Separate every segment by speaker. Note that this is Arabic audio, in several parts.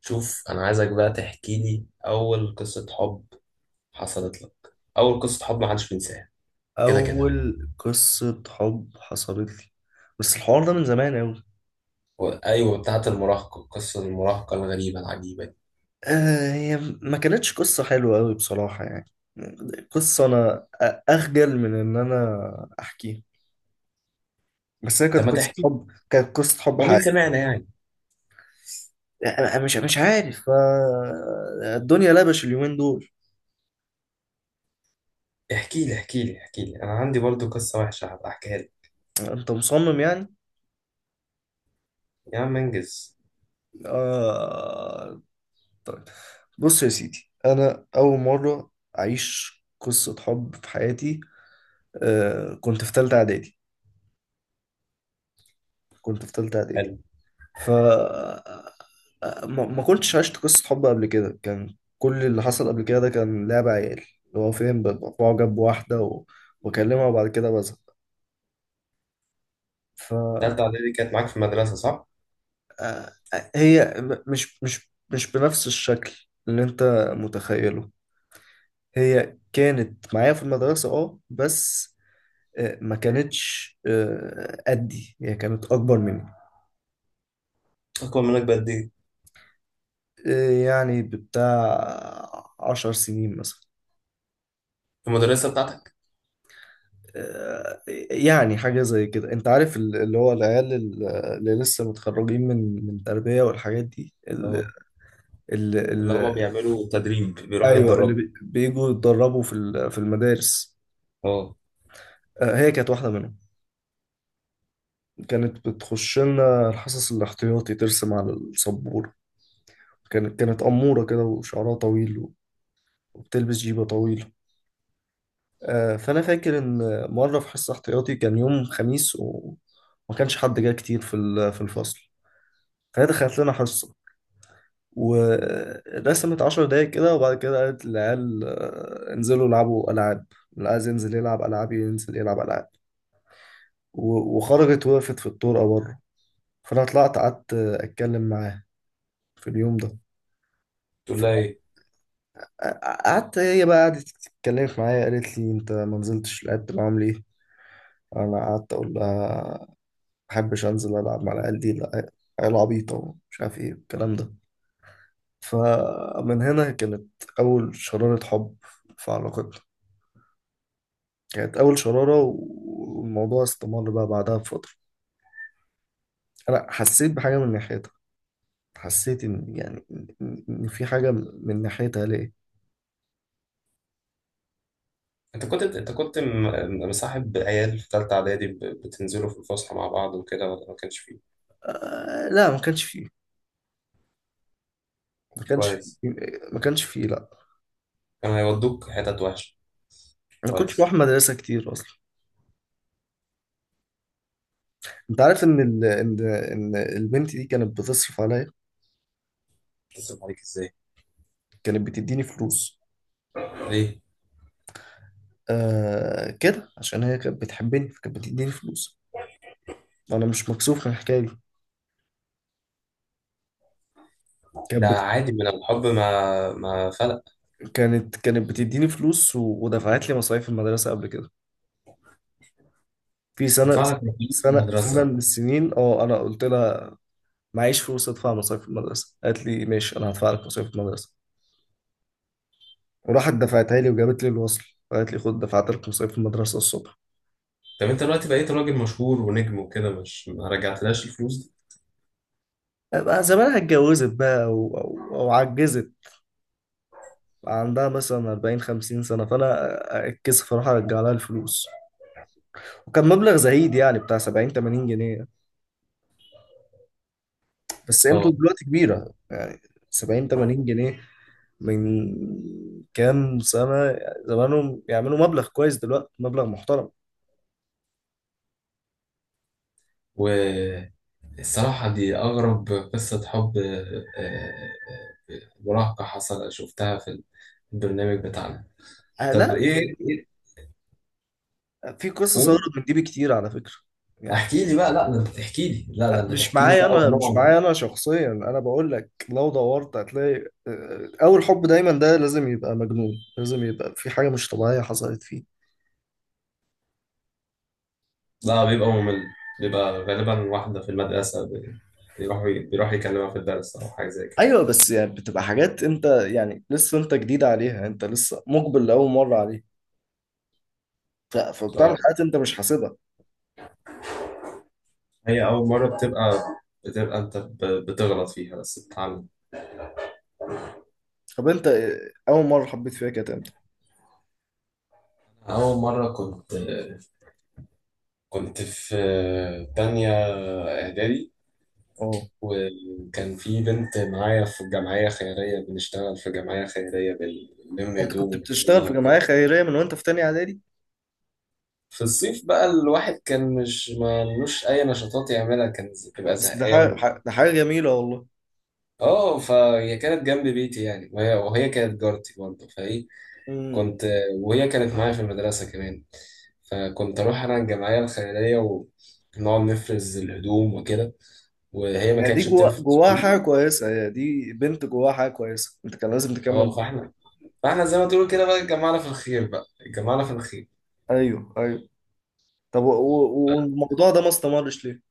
Speaker 1: شوف انا عايزك بقى تحكي لي اول قصة حب حصلت لك. اول قصة حب ما حدش بينساها. كده كده.
Speaker 2: أول قصة حب حصلت لي. بس الحوار ده من زمان أوي.
Speaker 1: ايوه، بتاعت المراهقة، قصة المراهقة الغريبة العجيبة دي.
Speaker 2: آه، هي ما كانتش قصة حلوة أوي بصراحة، يعني قصة أنا أخجل من إن أنا أحكيها. بس هي كانت
Speaker 1: طب ما
Speaker 2: قصة
Speaker 1: تحكي،
Speaker 2: حب، كانت قصة حب
Speaker 1: ومين
Speaker 2: حقيقية.
Speaker 1: سمعنا يعني.
Speaker 2: أنا مش عارف، آه، الدنيا لبش اليومين دول.
Speaker 1: احكي لي احكي لي احكي لي، انا عندي برضو قصة وحشة هبقى احكيها لك.
Speaker 2: أنت مصمم يعني؟
Speaker 1: يا عم انجز.
Speaker 2: آه، طيب. بص يا سيدي، أنا أول مرة أعيش قصة حب في حياتي. آه، كنت في تالتة إعدادي، كنت في تالتة إعدادي
Speaker 1: حلو.
Speaker 2: ف ما كنتش عشت قصة حب قبل كده. كان كل اللي حصل قبل كده ده كان لعب عيال، اللي هو فين ببقى معجب بواحدة واكلمها وبعد كده بزهق. ف
Speaker 1: تالتة اعدادي كانت معاك في المدرسة صح؟
Speaker 2: آه، هي مش بنفس الشكل اللي انت متخيله. هي كانت معايا في المدرسة، اه، بس آه، ما كانتش، آه، قدي، هي كانت أكبر مني.
Speaker 1: اكبر منك بقد ايه؟
Speaker 2: آه، يعني بتاع 10 سنين مثلا.
Speaker 1: في المدرسة بتاعتك؟
Speaker 2: آه، يعني حاجة زي كده، انت عارف، اللي هو العيال، اللي لسه متخرجين من من تربية والحاجات دي ال
Speaker 1: اه.
Speaker 2: ال
Speaker 1: اللي هما
Speaker 2: ال
Speaker 1: بيعملوا تدريب بيروحوا
Speaker 2: ايوه، اللي
Speaker 1: يتدربوا.
Speaker 2: بيجوا يتدربوا في في المدارس.
Speaker 1: اه.
Speaker 2: آه، هي كانت واحدة منهم. كانت بتخش لنا الحصص الاحتياطي ترسم على السبورة. كانت أمورة كده، وشعرها طويل، وبتلبس جيبة طويلة. آه، فأنا فاكر إن مرة في حصة احتياطي كان يوم خميس، وما كانش حد جاي كتير في في الفصل. فهي دخلت لنا حصة ورسمت 10 دقايق كده، وبعد كده قالت للعيال، آه، انزلوا العبوا ألعاب، اللي عايز ينزل يلعب ألعاب ينزل يلعب ألعاب. وخرجت وقفت في الطرقة بره. فأنا طلعت قعدت، آه، أتكلم معاها في اليوم ده.
Speaker 1: تقول لها ايه؟
Speaker 2: فقعدت هي بقى، قعدت اتكلمت معايا، قالت لي انت ما نزلتش لعبت معاهم ليه؟ انا قعدت اقول لها ما بحبش انزل العب مع العيال دي، لا، عيال عبيطه، ومش عارف ايه الكلام ده. فمن هنا كانت اول شرارة حب في علاقتنا، كانت أول شرارة. والموضوع استمر بقى بعدها بفترة. أنا حسيت بحاجة من ناحيتها، حسيت إن يعني إن في حاجة من ناحيتها ليه؟
Speaker 1: انت كنت مصاحب عيال في ثالثه اعدادي، بتنزلوا في الفسحه مع بعض وكده، ولا ما كانش فيه؟
Speaker 2: آه، لا، ما كانش فيه
Speaker 1: كويس.
Speaker 2: ما كانش فيه، لا.
Speaker 1: كانوا هيودوك حتت وحشه.
Speaker 2: ما كنتش
Speaker 1: كويس.
Speaker 2: بروح مدرسة كتير أصلا. أنت عارف إن إن إن البنت دي كانت بتصرف عليا،
Speaker 1: اتصل عليك ازاي.
Speaker 2: كانت بتديني فلوس.
Speaker 1: ليه.
Speaker 2: آه، كده، عشان هي كانت بتحبني، فكانت بتديني فلوس. وأنا مش مكسوف من الحكاية دي. كانت
Speaker 1: ده
Speaker 2: بت...
Speaker 1: عادي من الحب، ما فرق.
Speaker 2: كانت بتديني فلوس، ودفعت لي مصاريف المدرسة قبل كده في سنة
Speaker 1: تدفع لك مصاريف
Speaker 2: سنة سنة
Speaker 1: المدرسه.
Speaker 2: من السنين. اه، أنا قلت لها معيش فلوس أدفع مصاريف المدرسة. قالت لي ماشي، أنا هدفع لك مصاريف المدرسة. وراحت دفعتها لي وجابت لي الوصل. قالت لي خد، دفعت لك مصاريف المدرسة الصبح.
Speaker 1: طب انت دلوقتي بقيت راجل مشهور ونجم وكده، مش ما رجعتلاش الفلوس دي؟
Speaker 2: بقى زمانها اتجوزت بقى، أو عجزت، عندها مثلا 40 50 سنة. فأنا أتكسف أروح أرجع لها الفلوس. وكان مبلغ زهيد، يعني بتاع 70 80 جنيه. بس قيمته
Speaker 1: اه.
Speaker 2: دلوقتي كبيرة يعني. 70 80 جنيه من كام سنة، زمانهم يعملوا مبلغ كويس. دلوقتي مبلغ محترم.
Speaker 1: والصراحه دي اغرب قصه حب مراهقه حصل، شفتها في البرنامج بتاعنا.
Speaker 2: آه،
Speaker 1: طب
Speaker 2: لا،
Speaker 1: ايه ايه.
Speaker 2: في قصص أغرب
Speaker 1: قول.
Speaker 2: من دي بكتير على فكرة. يعني،
Speaker 1: احكي لي بقى. لا ده انت تحكي لي، لا ده
Speaker 2: آه،
Speaker 1: انت تحكي لي بقى
Speaker 2: مش
Speaker 1: ونقعد.
Speaker 2: معايا أنا شخصيا. أنا بقول لك لو دورت هتلاقي، آه، أول حب دايما ده لازم يبقى مجنون، لازم يبقى في حاجة مش طبيعية حصلت فيه.
Speaker 1: لا بيبقى ممل. بيبقى غالبا واحدة في المدرسة، بيروح يكلمها في الدرس أو حاجة زي كده.
Speaker 2: أيوة، بس يعني بتبقى حاجات أنت يعني لسه أنت جديد عليها، أنت لسه مقبل لأول مرة عليها، فبتعمل
Speaker 1: اه.
Speaker 2: حاجات أنت مش حاسبها.
Speaker 1: هي أول مرة بتبقى أنت بتغلط فيها بس بتتعلم.
Speaker 2: طب أنت، آه، أول مرة حبيت فيها كانت إمتى؟
Speaker 1: أول مرة كنت، كنت في تانية إعدادي.
Speaker 2: اه.
Speaker 1: وكان في بنت معايا في جمعية خيرية، بنشتغل في جمعية خيرية، بنلم
Speaker 2: انت
Speaker 1: هدوم
Speaker 2: كنت بتشتغل
Speaker 1: ونفرزها
Speaker 2: في جمعية
Speaker 1: وكده.
Speaker 2: خيرية من وانت في تانية اعدادي؟
Speaker 1: في الصيف بقى الواحد كان مش ملوش أي نشاطات يعملها، كان بتبقى
Speaker 2: بس ده حاجة
Speaker 1: زهقان.
Speaker 2: ده حاجة جميلة، والله.
Speaker 1: اه، فهي كانت جنب بيتي يعني، وهي كانت جارتي برضه فايه
Speaker 2: امم.
Speaker 1: كنت. وهي كانت معايا في المدرسة كمان. فكنت أروح أنا الجمعية الخيرية ونقعد نفرز الهدوم وكده، وهي ما
Speaker 2: يعني دي
Speaker 1: كانتش
Speaker 2: جوا
Speaker 1: بتفرز
Speaker 2: حاجة
Speaker 1: هدوم.
Speaker 2: كويسة، يعني دي بنت جواها حاجة كويسة، انت كان لازم
Speaker 1: اه
Speaker 2: تكمل.
Speaker 1: فاحنا زي ما تقول كده بقى، اتجمعنا في الخير بقى، اتجمعنا في الخير.
Speaker 2: ايوه، ايوه. طب والموضوع ده ما استمرش ليه؟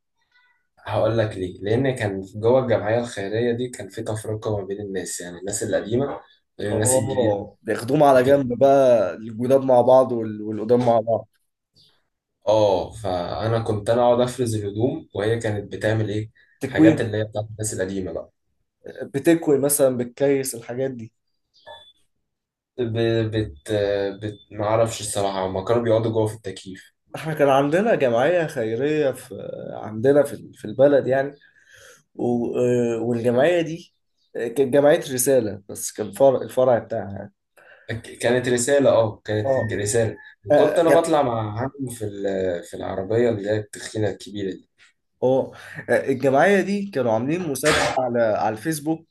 Speaker 1: هقول لك ليه. لان كان جوه الجمعيه الخيريه دي كان في تفرقه ما بين الناس، يعني الناس القديمه غير الناس الجديده
Speaker 2: اه، بياخدوهم على
Speaker 1: وكده.
Speaker 2: جنب بقى، الجداد مع بعض والقدام مع بعض.
Speaker 1: اه، فانا كنت انا اقعد افرز الهدوم، وهي كانت بتعمل ايه، حاجات
Speaker 2: تكوين.
Speaker 1: اللي هي بتاعت الناس القديمه بقى.
Speaker 2: بتكوي مثلا، بتكيس الحاجات دي.
Speaker 1: ب... بت... بت... ما اعرفش الصراحه، هما كانوا بيقعدوا جوه في التكييف.
Speaker 2: احنا كان عندنا جمعية خيرية في عندنا في في البلد يعني. آه، والجمعية دي، آه، كانت جمعية رسالة، بس كان فرع، الفرع بتاعها يعني.
Speaker 1: ك- كانت رساله، اه كانت
Speaker 2: اه،
Speaker 1: رساله.
Speaker 2: اه،
Speaker 1: كنت انا بطلع مع عم في في العربيه اللي هي التخينه الكبيره دي.
Speaker 2: آه. آه، الجمعية دي كانوا عاملين مسابقة على على الفيسبوك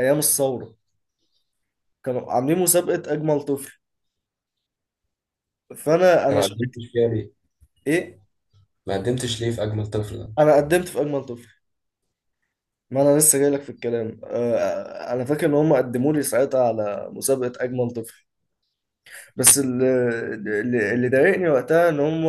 Speaker 2: أيام الثورة. كانوا عاملين مسابقة أجمل طفل. فأنا
Speaker 1: أنا ما قدمتش فيها ليه.
Speaker 2: إيه؟
Speaker 1: ما قدمتش ليه في اجمل طفل ده؟
Speaker 2: أنا قدمت في أجمل طفل. ما أنا لسه جاي لك في الكلام. آه، أنا فاكر إن هم قدموا لي ساعتها على مسابقة أجمل طفل. بس اللي ضايقني وقتها إن هم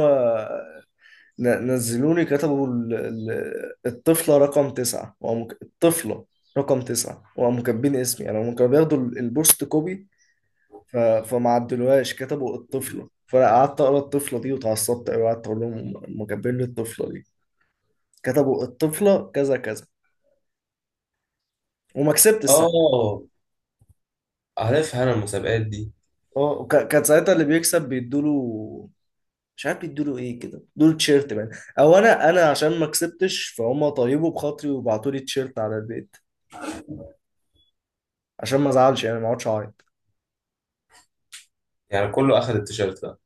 Speaker 2: نزلوني كتبوا الطفلة رقم 9، وقاموا الطفلة رقم 9، وقاموا كاتبين اسمي أنا. هم كانوا بياخدوا البوست كوبي، فما عدلوهاش، كتبوا الطفلة. فأنا قعدت أقرأ الطفلة دي واتعصبت أوي، وقعدت أقول لهم هم كاتبين لي الطفلة دي، كتبوا الطفلة كذا كذا. وما كسبت الساعة.
Speaker 1: اه عارفها انا المسابقات دي.
Speaker 2: اه، كان ساعتها اللي بيكسب بيدوله، مش عارف بيدوله ايه كده، دول تيشيرت بقى. او انا انا عشان ما كسبتش، فهم طيبوا بخاطري وبعتوا لي تيشيرت على البيت، عشان ما ازعلش يعني، ما اقعدش اعيط.
Speaker 1: يعني كله اخد التيشيرت ده.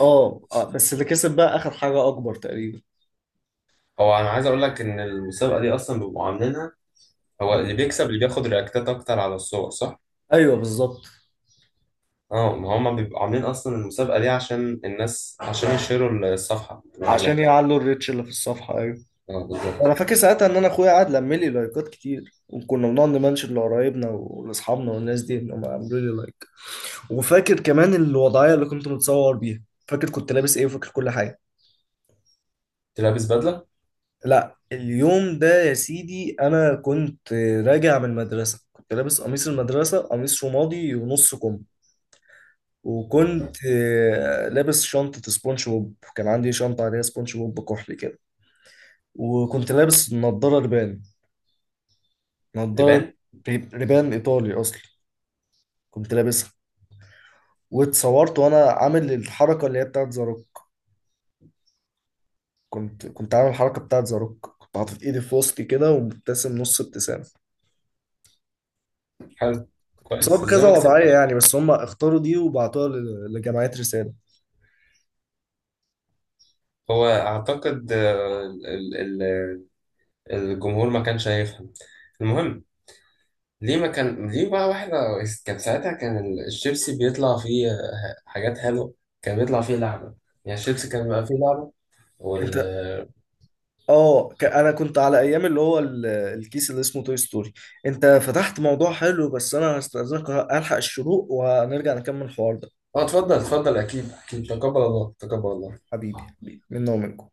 Speaker 2: اه، آه، بس اللي كسب بقى اخر حاجه اكبر تقريبا.
Speaker 1: هو انا عايز اقول لك ان المسابقه دي اصلا بيبقوا عاملينها، هو
Speaker 2: اه،
Speaker 1: اللي بيكسب اللي بياخد رياكتات اكتر على الصور صح؟
Speaker 2: ايوه بالظبط.
Speaker 1: اه، ما هم بيبقوا عاملين اصلا المسابقه دي عشان الناس، عشان يشيروا الصفحه اللي
Speaker 2: عشان
Speaker 1: عاملاها.
Speaker 2: يعلوا الريتش اللي في الصفحه، ايوه.
Speaker 1: اه
Speaker 2: انا
Speaker 1: بالظبط.
Speaker 2: فاكر ساعتها ان انا اخويا قعد لم لي لايكات كتير، وكنا بنقعد نمنشن لقرايبنا ولاصحابنا والناس دي، انهم عملوا لي لايك. وفاكر كمان الوضعيه اللي كنت متصور بيها، فاكر كنت لابس ايه، وفاكر كل حاجه.
Speaker 1: انت لابس بدله.
Speaker 2: لا، اليوم ده يا سيدي انا كنت راجع من المدرسه، كنت لابس قميص المدرسه، قميص رمادي ونص كم. وكنت، آه، لابس شنطة سبونج بوب. كان عندي شنطة عليها سبونج بوب كحلي كده. وكنت لابس نضارة ريبان، نضارة
Speaker 1: لبان.
Speaker 2: ريبان إيطالي أصلا، كنت لابسها. واتصورت وأنا عامل الحركة اللي هي بتاعت زاروك. كنت عامل الحركة بتاعت زاروك، كنت حاطط إيدي في وسطي كده، ومبتسم نص ابتسامة.
Speaker 1: حلو.
Speaker 2: اتصورت
Speaker 1: كويس ازاي
Speaker 2: بكذا
Speaker 1: ما
Speaker 2: وضعية
Speaker 1: كسبتش.
Speaker 2: يعني، بس هم اختاروا دي وبعتوها لجمعية رسالة.
Speaker 1: هو اعتقد الجمهور ما كانش هيفهم. المهم، ليه ما كان ليه بقى؟ واحدة كان ساعتها كان الشيبسي بيطلع فيه حاجات حلوه، كان بيطلع فيه لعنه، يعني الشيبسي كان بيبقى فيه لعنه.
Speaker 2: أنت،
Speaker 1: وال...
Speaker 2: اه، انا كنت على ايام اللي هو الكيس اللي اسمه توي ستوري. انت فتحت موضوع حلو، بس انا هستأذنك الحق الشروق، وهنرجع نكمل الحوار ده.
Speaker 1: اه اتفضل اتفضل، اكيد اكيد،
Speaker 2: ماشي.
Speaker 1: تقبل الله تقبل الله.
Speaker 2: حبيبي، حبيبي، منا ومنكم.